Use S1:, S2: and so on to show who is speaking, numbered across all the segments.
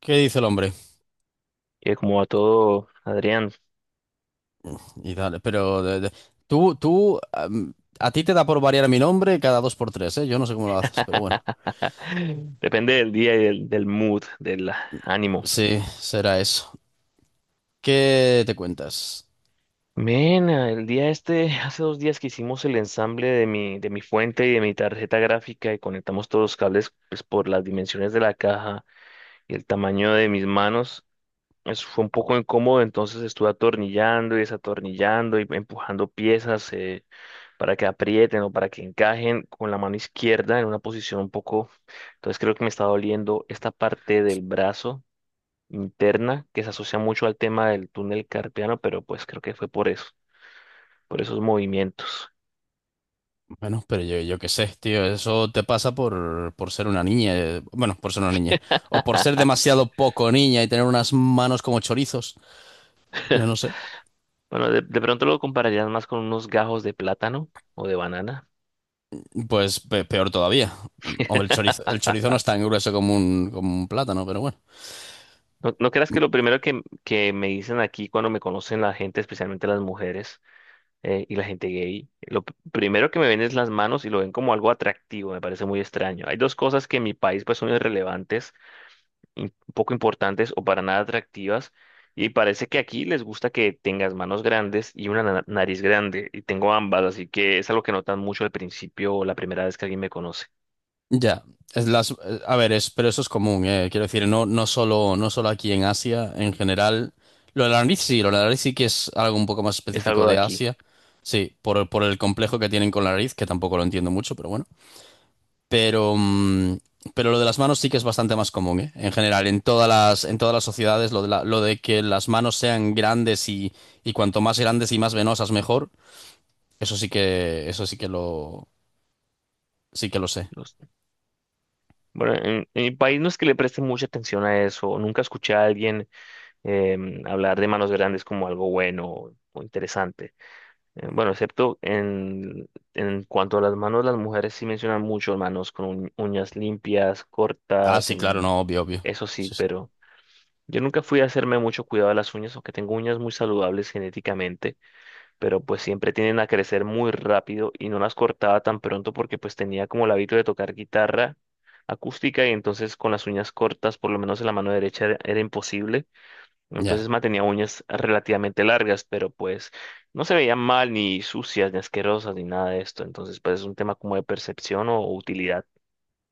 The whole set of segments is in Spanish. S1: ¿Qué dice el hombre?
S2: Y como va todo, Adrián.
S1: Y dale, pero tú, tú, am, a ti te da por variar mi nombre cada dos por tres, ¿eh? Yo no sé cómo lo haces, pero bueno.
S2: Depende del día y del mood, del ánimo.
S1: Sí, será eso. ¿Qué te cuentas?
S2: Mena, el día este, hace 2 días que hicimos el ensamble de mi fuente y de mi tarjeta gráfica y conectamos todos los cables pues, por las dimensiones de la caja y el tamaño de mis manos. Eso fue un poco incómodo, entonces estuve atornillando y desatornillando y empujando piezas, para que aprieten o para que encajen con la mano izquierda en una posición un poco. Entonces creo que me está doliendo esta parte del brazo interna que se asocia mucho al tema del túnel carpiano, pero pues creo que fue por eso, por esos movimientos.
S1: Bueno, pero yo qué sé, tío, eso te pasa por ser una niña, bueno, por ser una niña, o por ser demasiado poco niña y tener unas manos como chorizos, yo no sé,
S2: Bueno, de pronto lo compararías más con unos gajos de plátano o de banana.
S1: pues peor todavía. Hombre, el chorizo, el chorizo no es tan grueso como un plátano, pero bueno.
S2: No, no creas que lo primero que me dicen aquí cuando me conocen la gente, especialmente las mujeres, y la gente gay, lo primero que me ven es las manos y lo ven como algo atractivo, me parece muy extraño. Hay dos cosas que en mi país pues son irrelevantes, poco importantes o para nada atractivas, y parece que aquí les gusta que tengas manos grandes y una nariz grande, y tengo ambas, así que es algo que notan mucho al principio o la primera vez que alguien me conoce.
S1: Ya, a ver, pero eso es común, quiero decir, no, no solo aquí en Asia, en general. Lo de la nariz sí, lo de la nariz sí que es algo un poco más
S2: Es
S1: específico
S2: algo de
S1: de
S2: aquí.
S1: Asia. Sí, por el complejo que tienen con la nariz, que tampoco lo entiendo mucho, pero bueno. Pero, mm, pero lo de las manos sí que es bastante más común, ¿eh? En general, en todas las sociedades, lo de lo de que las manos sean grandes y cuanto más grandes y más venosas, mejor. Eso sí que lo sé.
S2: los- Bueno, en mi país no es que le presten mucha atención a eso, nunca escuché a alguien hablar de manos grandes como algo bueno o interesante. Bueno, excepto en cuanto a las manos, las mujeres sí mencionan mucho manos con uñas limpias,
S1: Ah,
S2: cortas,
S1: sí, claro, no, obvio, obvio.
S2: eso sí,
S1: Sí, sí.
S2: pero yo nunca fui a hacerme mucho cuidado de las uñas, aunque tengo uñas muy saludables genéticamente, pero pues siempre tienden a crecer muy rápido y no las cortaba tan pronto porque pues tenía como el hábito de tocar guitarra acústica y entonces con las uñas cortas, por lo menos en la mano derecha, era imposible.
S1: Ya.
S2: Entonces mantenía uñas relativamente largas, pero pues no se veían mal, ni sucias, ni asquerosas, ni nada de esto. Entonces, pues es un tema como de percepción o utilidad.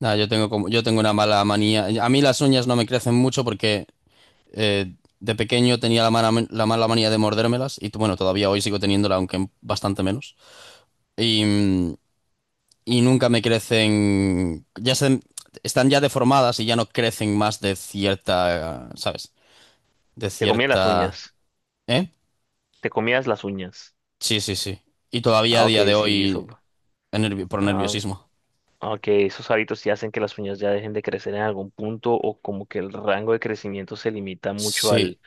S1: Nah, yo tengo una mala manía. A mí las uñas no me crecen mucho porque de pequeño tenía la mala manía de mordérmelas y bueno, todavía hoy sigo teniéndola, aunque bastante menos. Y, mm, y nunca me crecen, están ya deformadas y ya no crecen más de cierta, ¿sabes? De
S2: Te comías las
S1: cierta...
S2: uñas.
S1: ¿Eh?
S2: Te comías las uñas.
S1: Sí, sí, sí. Y todavía a
S2: Ah, ok,
S1: día de
S2: sí, eso.
S1: hoy por
S2: Ah,
S1: nerviosismo.
S2: ah, ok, esos hábitos sí hacen que las uñas ya dejen de crecer en algún punto o como que el rango de crecimiento se limita mucho a
S1: Sí.
S2: la,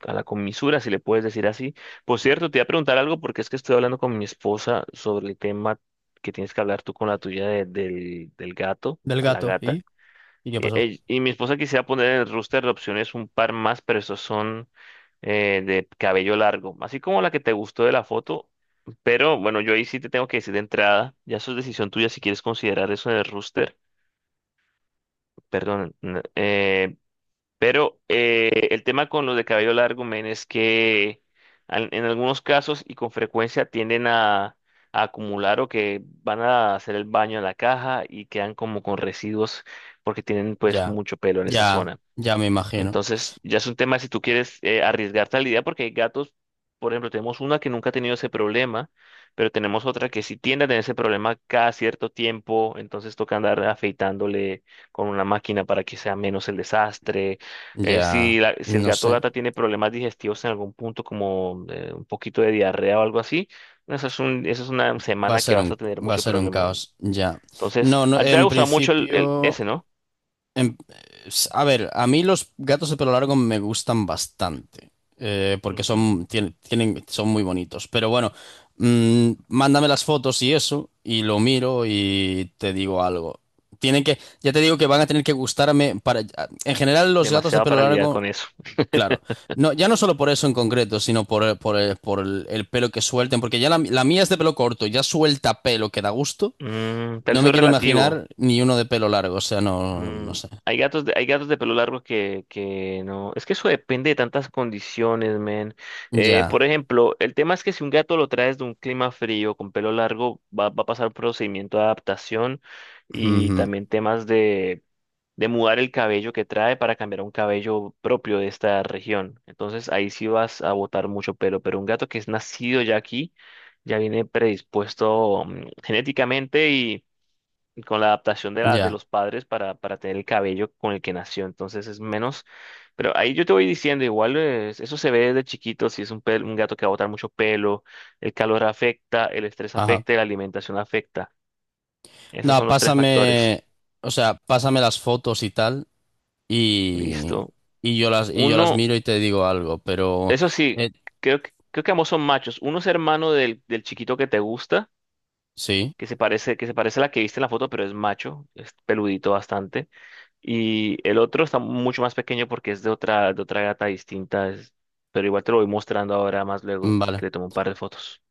S2: a la comisura, si le puedes decir así. Por cierto, te iba a preguntar algo porque es que estoy hablando con mi esposa sobre el tema que tienes que hablar tú con la tuya del gato
S1: Del
S2: o la
S1: gato.
S2: gata.
S1: ¿Y? ¿Y qué
S2: Y,
S1: pasó?
S2: ell- y mi esposa quisiera poner en el roster de opciones un par más, pero esos son de cabello largo, así como la que te gustó de la foto. Pero bueno, yo ahí sí te tengo que decir de entrada, ya eso es decisión tuya si quieres considerar eso en el roster. Perdón, pero el tema con los de cabello largo, men, es que en algunos casos y con frecuencia tienden a acumular o que van a hacer el baño en la caja y quedan como con residuos porque tienen pues
S1: Ya,
S2: mucho pelo en esa
S1: ya,
S2: zona.
S1: ya me imagino.
S2: Entonces, ya es un tema si tú quieres arriesgarte a la idea, porque hay gatos, por ejemplo, tenemos una que nunca ha tenido ese problema, pero tenemos otra que sí tiende a tener ese problema cada cierto tiempo, entonces toca andar afeitándole con una máquina para que sea menos el desastre.
S1: Ya,
S2: Si el
S1: no
S2: gato o
S1: sé.
S2: gata tiene problemas digestivos en algún punto, como un poquito de diarrea o algo así, esa es un, esa es una
S1: Va a
S2: semana que
S1: ser un,
S2: vas a tener
S1: va a
S2: mucho
S1: ser un
S2: problema.
S1: caos, ya.
S2: Entonces,
S1: No, no,
S2: a ti te ha
S1: en
S2: gustado mucho el,
S1: principio,
S2: ese, ¿no?
S1: en- a ver, a mí los gatos de pelo largo me gustan bastante, porque
S2: Ujú.
S1: son muy bonitos. Pero bueno, mándame las fotos y eso, y lo miro y te digo algo. Ya te digo que van a tener que gustarme para, en general los gatos de
S2: Demasiado
S1: pelo
S2: para lidiar
S1: largo.
S2: con eso.
S1: Claro. No, ya no solo por eso en concreto, sino por el pelo que suelten, porque ya la mía es de pelo corto, ya suelta pelo que da gusto.
S2: Mm, pero
S1: No
S2: eso
S1: me
S2: es
S1: quiero
S2: relativo.
S1: imaginar ni uno de pelo largo, o sea, no, no
S2: Mm,
S1: sé.
S2: hay gatos de pelo largo que no. Es que eso depende de tantas condiciones, men.
S1: Ya.
S2: Por ejemplo, el tema es que si un gato lo traes de un clima frío con pelo largo, va, va a pasar un procedimiento de adaptación y
S1: Ujú.
S2: también temas de mudar el cabello que trae para cambiar a un cabello propio de esta región. Entonces ahí sí vas a botar mucho pelo. Pero un gato que es nacido ya aquí, ya viene predispuesto, mm, genéticamente y con la adaptación de
S1: Ya.
S2: los padres para tener el cabello con el que nació, entonces es menos, pero ahí yo te voy diciendo, igual eso se ve desde chiquito, si es un gato que va a botar mucho pelo, el calor afecta, el estrés
S1: Ajá.
S2: afecta y la alimentación afecta. Esos
S1: No,
S2: son los tres factores.
S1: pásame, o sea, pásame las fotos y tal, y,
S2: Listo.
S1: y y yo las
S2: Uno,
S1: miro y te digo algo, pero
S2: eso sí,
S1: eh,
S2: creo que ambos son machos. Uno es hermano del chiquito que te gusta,
S1: sí,
S2: que se parece a la que viste en la foto, pero es macho, es peludito bastante. Y el otro está mucho más pequeño porque es de otra gata distinta, pero igual te lo voy mostrando ahora más luego,
S1: vale.
S2: que le tomo un par de fotos.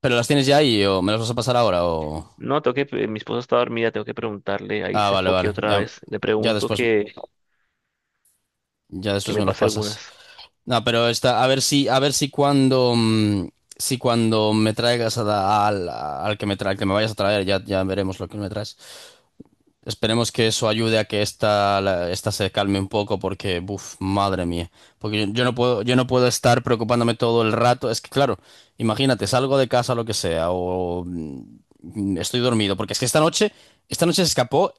S1: ¿Pero las tienes ya ahí o me las vas a pasar ahora o...?
S2: No, tengo que, mi esposa está dormida, tengo que preguntarle, ahí
S1: Ah,
S2: se
S1: vale,
S2: foque
S1: vale.
S2: otra
S1: Ya,
S2: vez, le
S1: ya
S2: pregunto
S1: después, ya
S2: que
S1: después
S2: me
S1: me los
S2: pase
S1: pasas.
S2: algunas.
S1: No, pero a ver si, si cuando me traigas a da- al, al que me tra- al que me vayas a traer, ya, ya veremos lo que me traes. Esperemos que eso ayude a que esta se calme un poco, porque, buf, madre mía. Porque yo no puedo estar preocupándome todo el rato. Es que, claro, imagínate, salgo de casa, lo que sea, o estoy dormido. Porque es que esta noche se escapó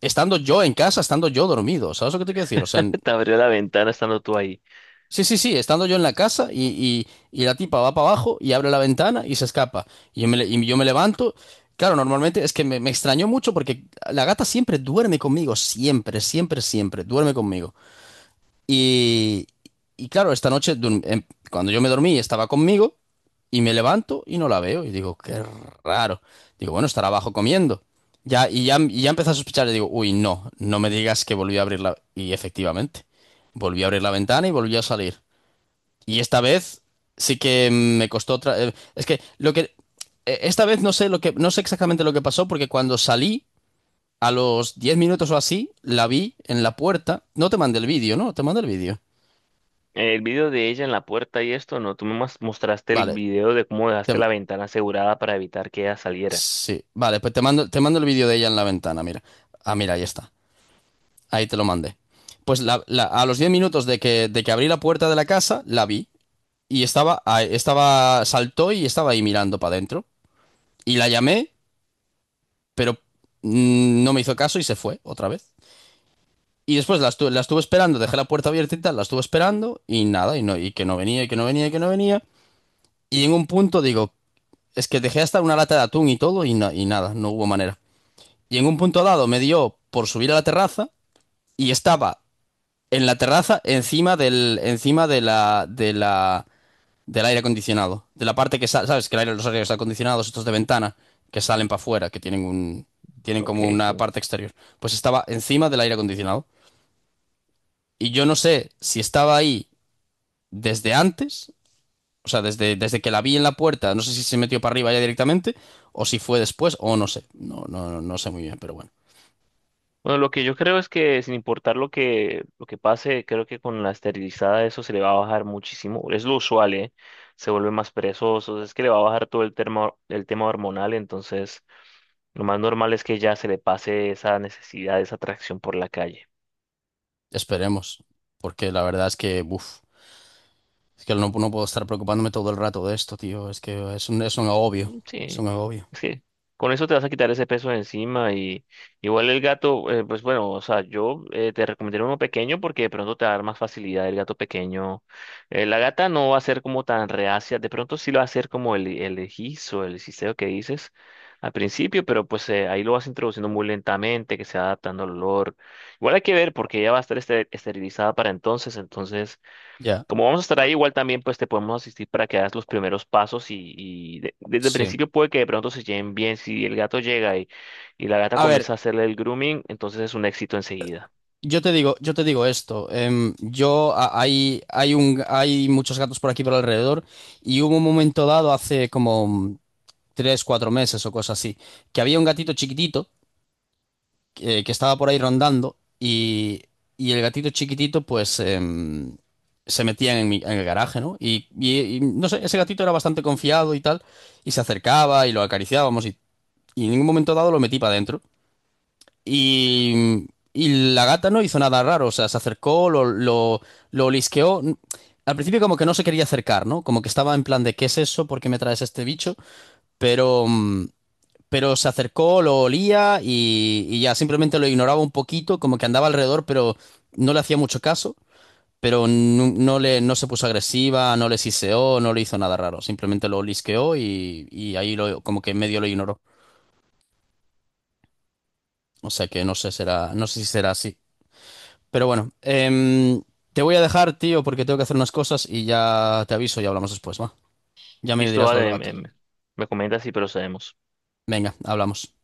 S1: estando yo en casa, estando yo dormido. ¿Sabes lo que te quiero decir? O sea,
S2: Te abrió la ventana estando tú ahí.
S1: sí, sí, sí, estando yo en la casa y la tipa va para abajo y abre la ventana y se escapa. Y yo me levanto. Claro, normalmente es que me extrañó mucho porque la gata siempre duerme conmigo, siempre, siempre, siempre, duerme conmigo. Y, y, claro, esta noche cuando yo me dormí estaba conmigo y me levanto y no la veo. Y digo, qué raro. Digo, bueno, estará abajo comiendo. Ya, y ya empecé a sospechar y digo, uy, no, no me digas que volvió a abrirla. Y efectivamente, volví a abrir la ventana y volvió a salir. Y esta vez sí que me costó otra. Es que lo que. Esta vez no sé lo que. No sé exactamente lo que pasó, porque cuando salí, a los 10 minutos o así, la vi en la puerta. No te mandé el vídeo, ¿no? Te mando el vídeo.
S2: El video de ella en la puerta y esto, no, tú me mostraste el
S1: Vale.
S2: video de cómo
S1: te
S2: dejaste
S1: ma-
S2: la ventana asegurada para evitar que ella saliera.
S1: Sí, vale, pues te mando el vídeo de ella en la ventana, mira. Ah, mira, ahí está. Ahí te lo mandé. Pues a los 10 minutos de que abrí la puerta de la casa, la vi. Y ah, saltó y estaba ahí mirando para adentro. Y la llamé pero no me hizo caso y se fue otra vez. Y después la estuve esperando, dejé la puerta abierta y tal, la estuve esperando y nada, y, no, y que no venía, y que no venía, y que no venía. Y en un punto digo, es que dejé hasta una lata de atún y todo y nada, no hubo manera. Y en un punto dado me dio por subir a la terraza y estaba en la terraza encima del, encima de la, del aire acondicionado. De la parte que sale, ¿sabes? Que los aires acondicionados, estos de ventana, que salen para afuera, que tienen como
S2: Ok,
S1: una
S2: sí.
S1: parte exterior. Pues estaba encima del aire acondicionado. Y yo no sé si estaba ahí desde antes, o sea, desde que la vi en la puerta, no sé si se metió para arriba ya directamente, o si fue después, o no sé. No, no, no sé muy bien, pero bueno.
S2: Bueno, lo que yo creo es que sin importar lo que pase, creo que con la esterilizada eso se le va a bajar muchísimo. Es lo usual, ¿eh? Se vuelve más perezoso, es que le va a bajar todo el tema hormonal, entonces lo más normal es que ya se le pase esa necesidad, esa atracción por la calle.
S1: Esperemos. Porque la verdad es que, uff, es que no, no puedo estar preocupándome todo el rato de esto, tío. Es que es un agobio.
S2: Mm,
S1: Es un
S2: sí,
S1: agobio.
S2: es que con eso te vas a quitar ese peso de encima y igual el gato, pues bueno, o sea, yo te recomendaría uno pequeño porque de pronto te va a dar más facilidad el gato pequeño. La gata no va a ser como tan reacia, de pronto sí lo va a hacer como el egiz o el cisteo que dices al principio, pero pues ahí lo vas introduciendo muy lentamente, que se va adaptando al olor. Igual hay que ver porque ella va a estar esterilizada para entonces, entonces...
S1: Ya,
S2: Como vamos a estar ahí, igual también pues te podemos asistir para que hagas los primeros pasos y, y desde el
S1: sí.
S2: principio puede que de pronto se lleven bien. Si el gato llega y la gata
S1: A ver,
S2: comienza a hacerle el grooming, entonces es un éxito enseguida.
S1: yo te digo esto. Em, yo a- hay un, hay muchos gatos por aquí por alrededor y hubo un momento dado hace como 3 o 4 meses o cosas así, que había un gatito chiquitito que, estaba por ahí rondando y el gatito chiquitito pues se metía en en el garaje, ¿no? Y, no sé, ese gatito era bastante confiado y tal y se acercaba y lo acariciábamos y en un momento dado lo metí para adentro. Y, y, la gata no hizo nada raro, o sea, se acercó, lo olisqueó. Al principio como que no se quería acercar, ¿no? Como que estaba en plan de ¿qué es eso? ¿Por qué me traes este bicho? Pero, mm, pero se acercó, lo olía y ya simplemente lo ignoraba un poquito, como que andaba alrededor, pero no le hacía mucho caso. Pero no, no se puso agresiva, no le siseó, no le hizo nada raro. Simplemente lo olisqueó y ahí como que medio lo ignoró. O sea que no sé si será así. Pero bueno, te voy a dejar, tío, porque tengo que hacer unas cosas y ya te aviso y hablamos después, ¿va? Ya me
S2: Listo,
S1: dirás lo del
S2: vale,
S1: gato.
S2: me, me comentas y procedemos.
S1: Venga, hablamos.